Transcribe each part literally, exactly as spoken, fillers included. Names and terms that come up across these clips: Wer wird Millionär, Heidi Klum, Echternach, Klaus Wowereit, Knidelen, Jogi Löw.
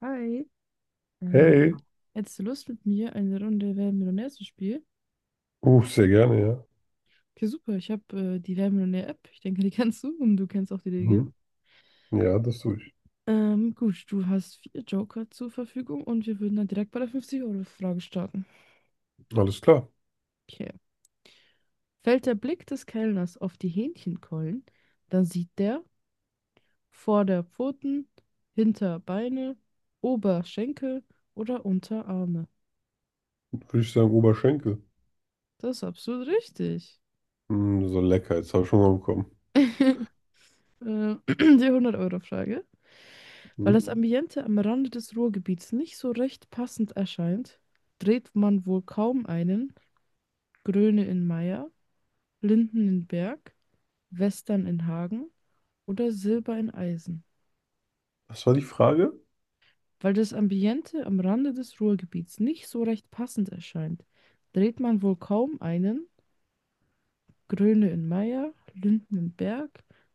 Hi. Äh, Hey, hättest du Lust mit mir eine Runde Wer wird Millionär zu spielen? uh, sehr gerne, ja. Okay, super. Ich habe äh, die Wer wird Millionär App. Ich denke, die kennst du und du kennst auch die Regeln. Mhm. Ja, das tue ich. Ähm, gut, du hast vier Joker zur Verfügung und wir würden dann direkt bei der fünfzig-Euro-Frage starten. Alles klar. Okay. Fällt der Blick des Kellners auf die Hähnchenkeulen, dann sieht der Vorderpfoten, Hinterbeine, Oberschenkel oder Unterarme. Würde ich sagen, Oberschenkel. Das ist absolut richtig. Mm, so lecker, jetzt habe ich Hunger bekommen. Äh, die hundert-Euro-Frage. Weil Mhm. das Ambiente am Rande des Ruhrgebiets nicht so recht passend erscheint, dreht man wohl kaum einen Gröne in Meier, Linden in Berg, Western in Hagen oder Silber in Eisen. Was war die Frage? Weil das Ambiente am Rande des Ruhrgebiets nicht so recht passend erscheint, dreht man wohl kaum einen Gröne in Meier, Linden in Berg,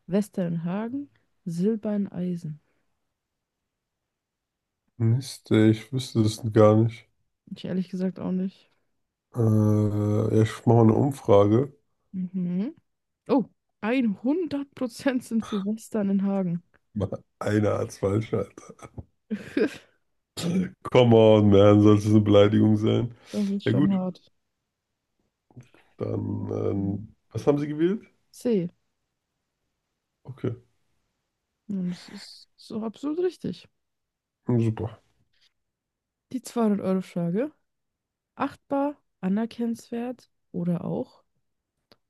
Western in Hagen, Silber in Eisen. Mist, ey, ich wüsste das gar nicht. Ich ehrlich gesagt auch nicht. Äh, ja, ich mache mal eine Umfrage. Mhm. Oh, hundert Prozent sind für Western in Hagen. Mann, einer hat's falsch, Alter. Come on, man, soll es eine Beleidigung sein? Das ist Ja, schon gut, hart. dann, ähm, was haben Sie gewählt? C. Okay, Und das ist so absolut richtig. super. Die zweihundert euro frage. Achtbar, anerkennenswert oder auch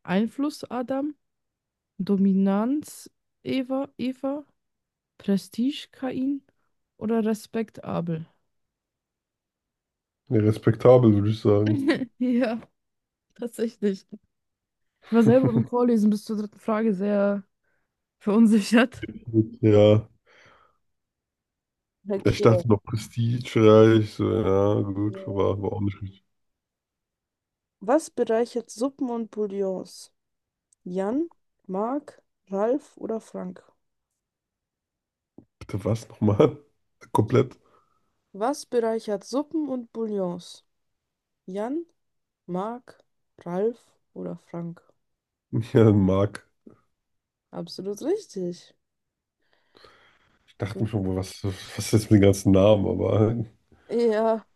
Einfluss Adam, Dominanz Eva, Eva, Prestige Kain oder respektabel? Ja, respektabel, würde ich sagen. Ja, tatsächlich. Ich war selber beim Vorlesen bis zur dritten Frage sehr verunsichert. Ja, ich Okay. dachte noch Prestige. So, ja, gut, aber war auch nicht richtig. Was bereichert Suppen und Bouillons? Jan, Mark, Ralf oder Frank? Bitte was nochmal? Komplett? Was bereichert Suppen und Bouillons? Jan, Mark, Ralf oder Frank? Ja, Mark. Absolut richtig. Ich dachte mir schon, boah, was, was ist jetzt mit den ganzen Namen? Aber Ja,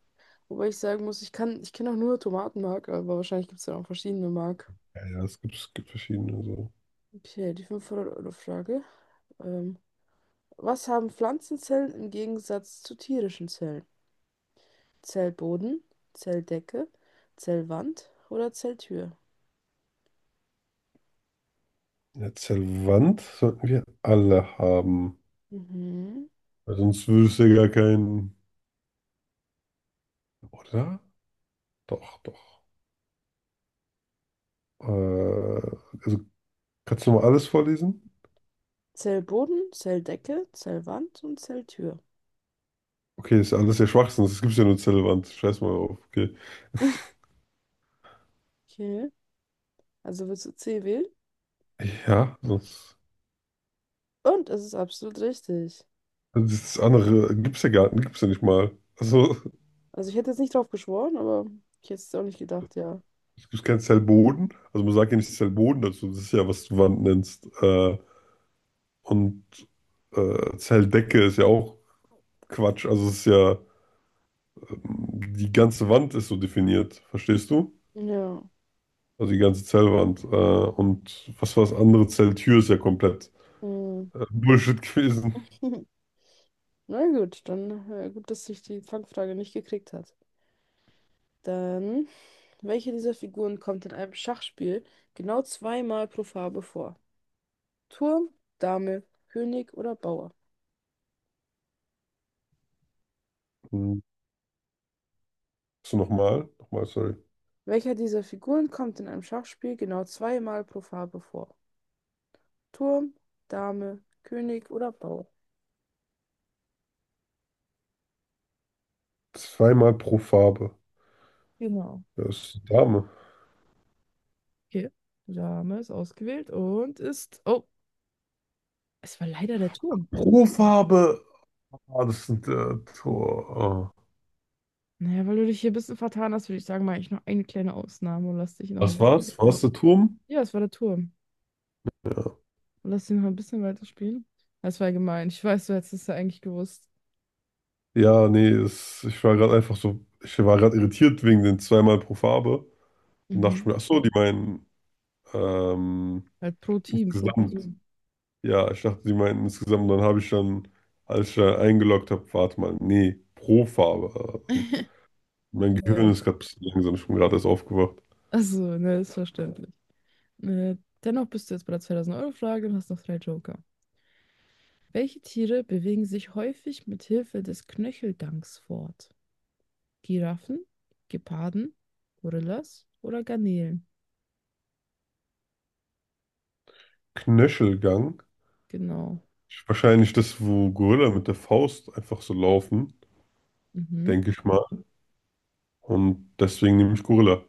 wobei ich sagen muss, ich kann, ich kenne auch nur Tomatenmark, aber wahrscheinlich gibt es ja auch verschiedene Mark. ja, ja, es gibt, es gibt verschiedene. So. Okay, die fünfhundert euro frage. Ähm, was haben Pflanzenzellen im Gegensatz zu tierischen Zellen? Zellboden, Zelldecke, Zellwand oder Zelltür? Ja, Zelvant sollten wir alle haben. Mhm. Weil sonst würdest du ja gar keinen. Oder? Doch, doch. Äh, also kannst du mal alles vorlesen? Zellboden, Zelldecke, Zellwand und Zelltür. Okay, ist ja alles ja Schwachsinn. Das gibt ja nur Zellwand. Scheiß mal auf. Okay. Okay, also willst du C wählen? Ja, sonst. Und es ist absolut richtig. Also das andere gibt's ja gar gibt's ja nicht mal. Also, Also ich hätte jetzt nicht drauf geschworen, aber ich hätte es auch nicht gedacht, ja. es gibt keinen Zellboden. Also, man sagt ja nicht Zellboden dazu. Das ist ja, was du Wand nennst. Äh, und äh, Zelldecke ist ja auch Quatsch. Also, es ist ja, ähm, die ganze Wand ist so definiert. Verstehst du? Ja. Also, die ganze Zellwand. Äh, und was war das andere? Zelltür ist ja komplett Mhm. äh, Bullshit gewesen. Na gut, dann äh, gut, dass ich die Fangfrage nicht gekriegt hat. Dann, welche dieser Figuren kommt in einem Schachspiel genau zweimal pro Farbe vor? Turm, Dame, König oder Bauer? Hm. Hast du nochmal? Nochmal, sorry. Welcher dieser Figuren kommt in einem Schachspiel genau zweimal pro Farbe vor? Turm, Dame, König oder Bauer. Zweimal pro Farbe. Genau. Das ist eine Dame. Okay. Dame ist ausgewählt und ist. Oh, es war leider der Turm. Pro Farbe. Ah, das sind äh, Tor. Ah. Naja, weil du dich hier ein bisschen vertan hast, würde ich sagen, mache ich noch eine kleine Ausnahme und lass dich noch ein Was bisschen. war's? War's der Turm? Ja, es war der Turm. Ja. Und lass dich noch ein bisschen weiterspielen. Das war gemein. Ich weiß, du hättest es ja eigentlich gewusst. Ja, nee, es, ich war gerade einfach so, ich war gerade irritiert wegen den zweimal pro Farbe. Dann dachte ich Mhm. mir, ach so, die meinen ähm, Halt pro Team, pro insgesamt. Person. Ja, ich dachte, die meinen insgesamt. Und dann habe ich dann, als ich dann eingeloggt habe, warte mal, nee, pro Farbe. Und mein Gehirn Ja. ist gerade ein bisschen langsam, ich bin gerade erst aufgewacht. Also, ne, ist verständlich. Äh, dennoch bist du jetzt bei der zweitausend-Euro-Frage und hast noch drei Joker. Welche Tiere bewegen sich häufig mit Hilfe des Knöcheldanks fort? Giraffen, Geparden, Gorillas oder Garnelen? Knöchelgang. Genau. Wahrscheinlich das, wo Gorilla mit der Faust einfach so laufen, Mhm. denke ich mal. Und deswegen nehme ich Gorilla.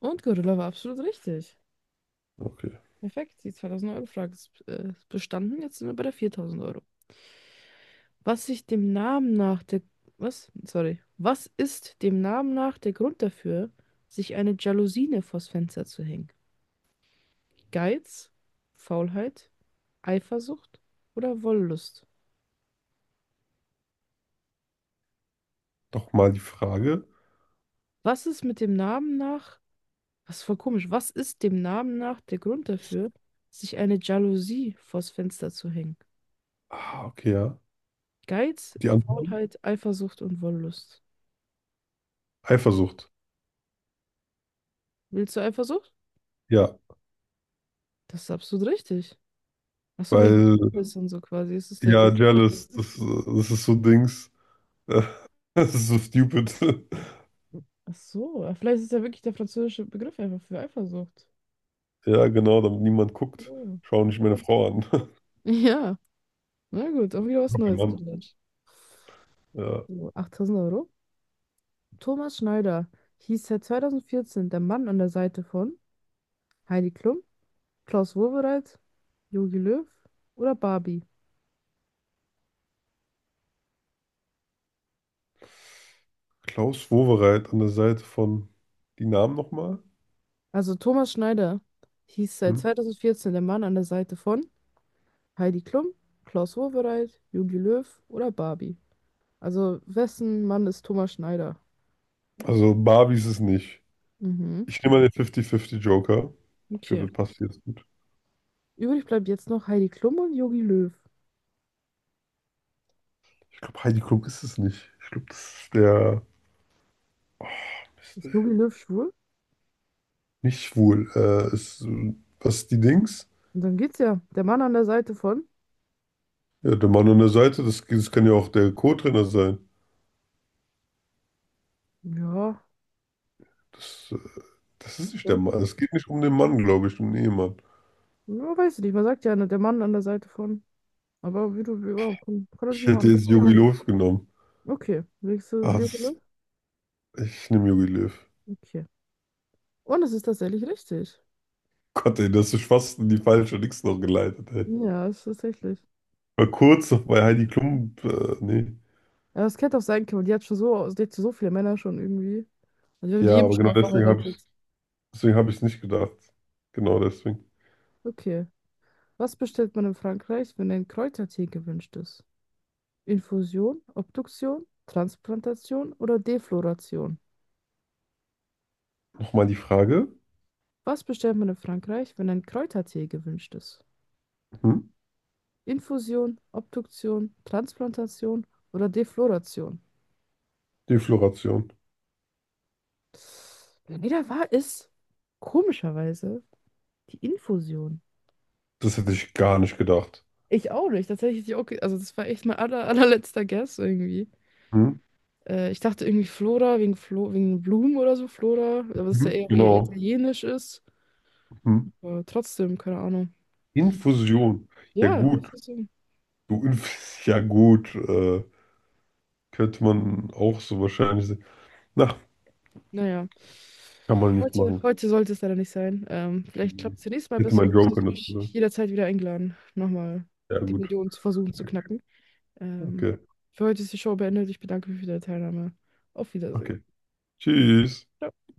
Und Gorilla war absolut richtig. Okay. Perfekt, die zweitausend-Euro-Frage ist äh, bestanden. Jetzt sind wir bei der viertausend Euro. Was sich dem Namen nach der... Was? Sorry. Was ist dem Namen nach der Grund dafür, sich eine Jalousine vors Fenster zu hängen? Geiz, Faulheit, Eifersucht oder Wollust? Doch mal die Frage. Was ist mit dem Namen nach? Das ist voll komisch. Was ist dem Namen nach der Grund dafür, sich eine Jalousie vors Fenster zu hängen? Ah, okay, ja. Geiz, Die anderen? Faulheit, Eifersucht und Wollust. Eifersucht. Willst du Eifersucht? Ja, Das ist absolut richtig. Ach so, wegen weil, Liebes und so quasi. Ist es der ja, französische jealous, Begriff? das, äh, das ist so Dings. Äh, das ist so stupid. Ach so, ja, vielleicht ist ja wirklich der französische Begriff einfach für Eifersucht. Ja, genau, damit niemand guckt. So. Schau nicht meine Frau an. Ja, na gut, auch wieder was Mein Neues Mann. gelernt. Ja. So, achttausend Euro. Thomas Schneider hieß seit zweitausendvierzehn der Mann an der Seite von Heidi Klum, Klaus Wowereit, Jogi Löw oder Barbie? Klaus Wowereit an der Seite von, die Namen nochmal? Also Thomas Schneider hieß seit Hm? zweitausendvierzehn der Mann an der Seite von Heidi Klum, Klaus Wowereit, Jogi Löw oder Barbie. Also wessen Mann ist Thomas Schneider? Also, Barbie ist es nicht. Mhm, Ich nehme mal den fünfzig fünfzig Joker. Ich okay. glaube, der passt jetzt gut. Übrig bleibt jetzt noch Heidi Klum und Jogi Löw. Ich glaube, Heidi Klum ist es nicht. Ich glaube, das ist der, ist Ist der Jogi Löw schwul? nicht schwul. Äh, ist, äh, was ist die Dings? Und dann geht's ja. Der Mann an der Seite von? Ja, der Mann an der Seite, das, das kann ja auch der Co-Trainer sein. Ja, Das, äh, das ist nicht der könnte. Mann. Es geht nicht um den Mann, glaube ich, um den Ehemann. Ja, weiß ich nicht. Man sagt ja, ne, der Mann an der Seite von. Aber wie du, ja, kann, kann Ich natürlich auch hätte anders. jetzt Jogi Hm. Löw genommen. Okay, nächste Ah, Nebula. das, ich nehme Jogi Löw. Okay. Und es ist tatsächlich richtig. Oh Gott, ey, das ist fast in die falsche Dings noch geleitet, ey. Ja, es ist tatsächlich. War kurz noch bei Heidi Klum, äh, nee. Ja, es hätte auch sein können. Die hat schon so, die hat so viele Männer schon irgendwie. Also wir haben die Ja, eben aber schon genau mal deswegen habe verheiratet. ich, deswegen habe ich es nicht gedacht. Genau deswegen. Okay. Was bestellt man in Frankreich, wenn ein Kräutertee gewünscht ist? Infusion, Obduktion, Transplantation oder Defloration? Nochmal die Frage. Was bestellt man in Frankreich, wenn ein Kräutertee gewünscht ist? Hm? Infusion, Obduktion, Transplantation oder Defloration? Defloration. Leider war es komischerweise die Infusion. Das hätte ich gar nicht gedacht. Ich auch nicht. Tatsächlich, die- okay, also das war echt mein aller, allerletzter Guess irgendwie. Hm? Äh, ich dachte irgendwie Flora wegen, Flo, wegen Blumen oder so, Flora, aber dass der Mhm. eher, eher Genau. italienisch ist. Mhm. Aber trotzdem, keine Ahnung. Infusion. Ja Ja, gut, Infusion. Du, Inf- ja gut, äh, könnte man auch so wahrscheinlich sehen. Na, Naja. kann man nicht Heute, machen. heute sollte es leider nicht sein. Ähm, vielleicht klappt es nächstes Mal Hätte besser mein und du Joker bist mich dazu sagen. jederzeit wieder eingeladen, nochmal Ja die gut, Millionen zu versuchen zu knacken. Ähm, okay, für heute ist die Show beendet. Ich bedanke mich für deine Teilnahme. Auf Wiedersehen. okay. Tschüss. Ciao.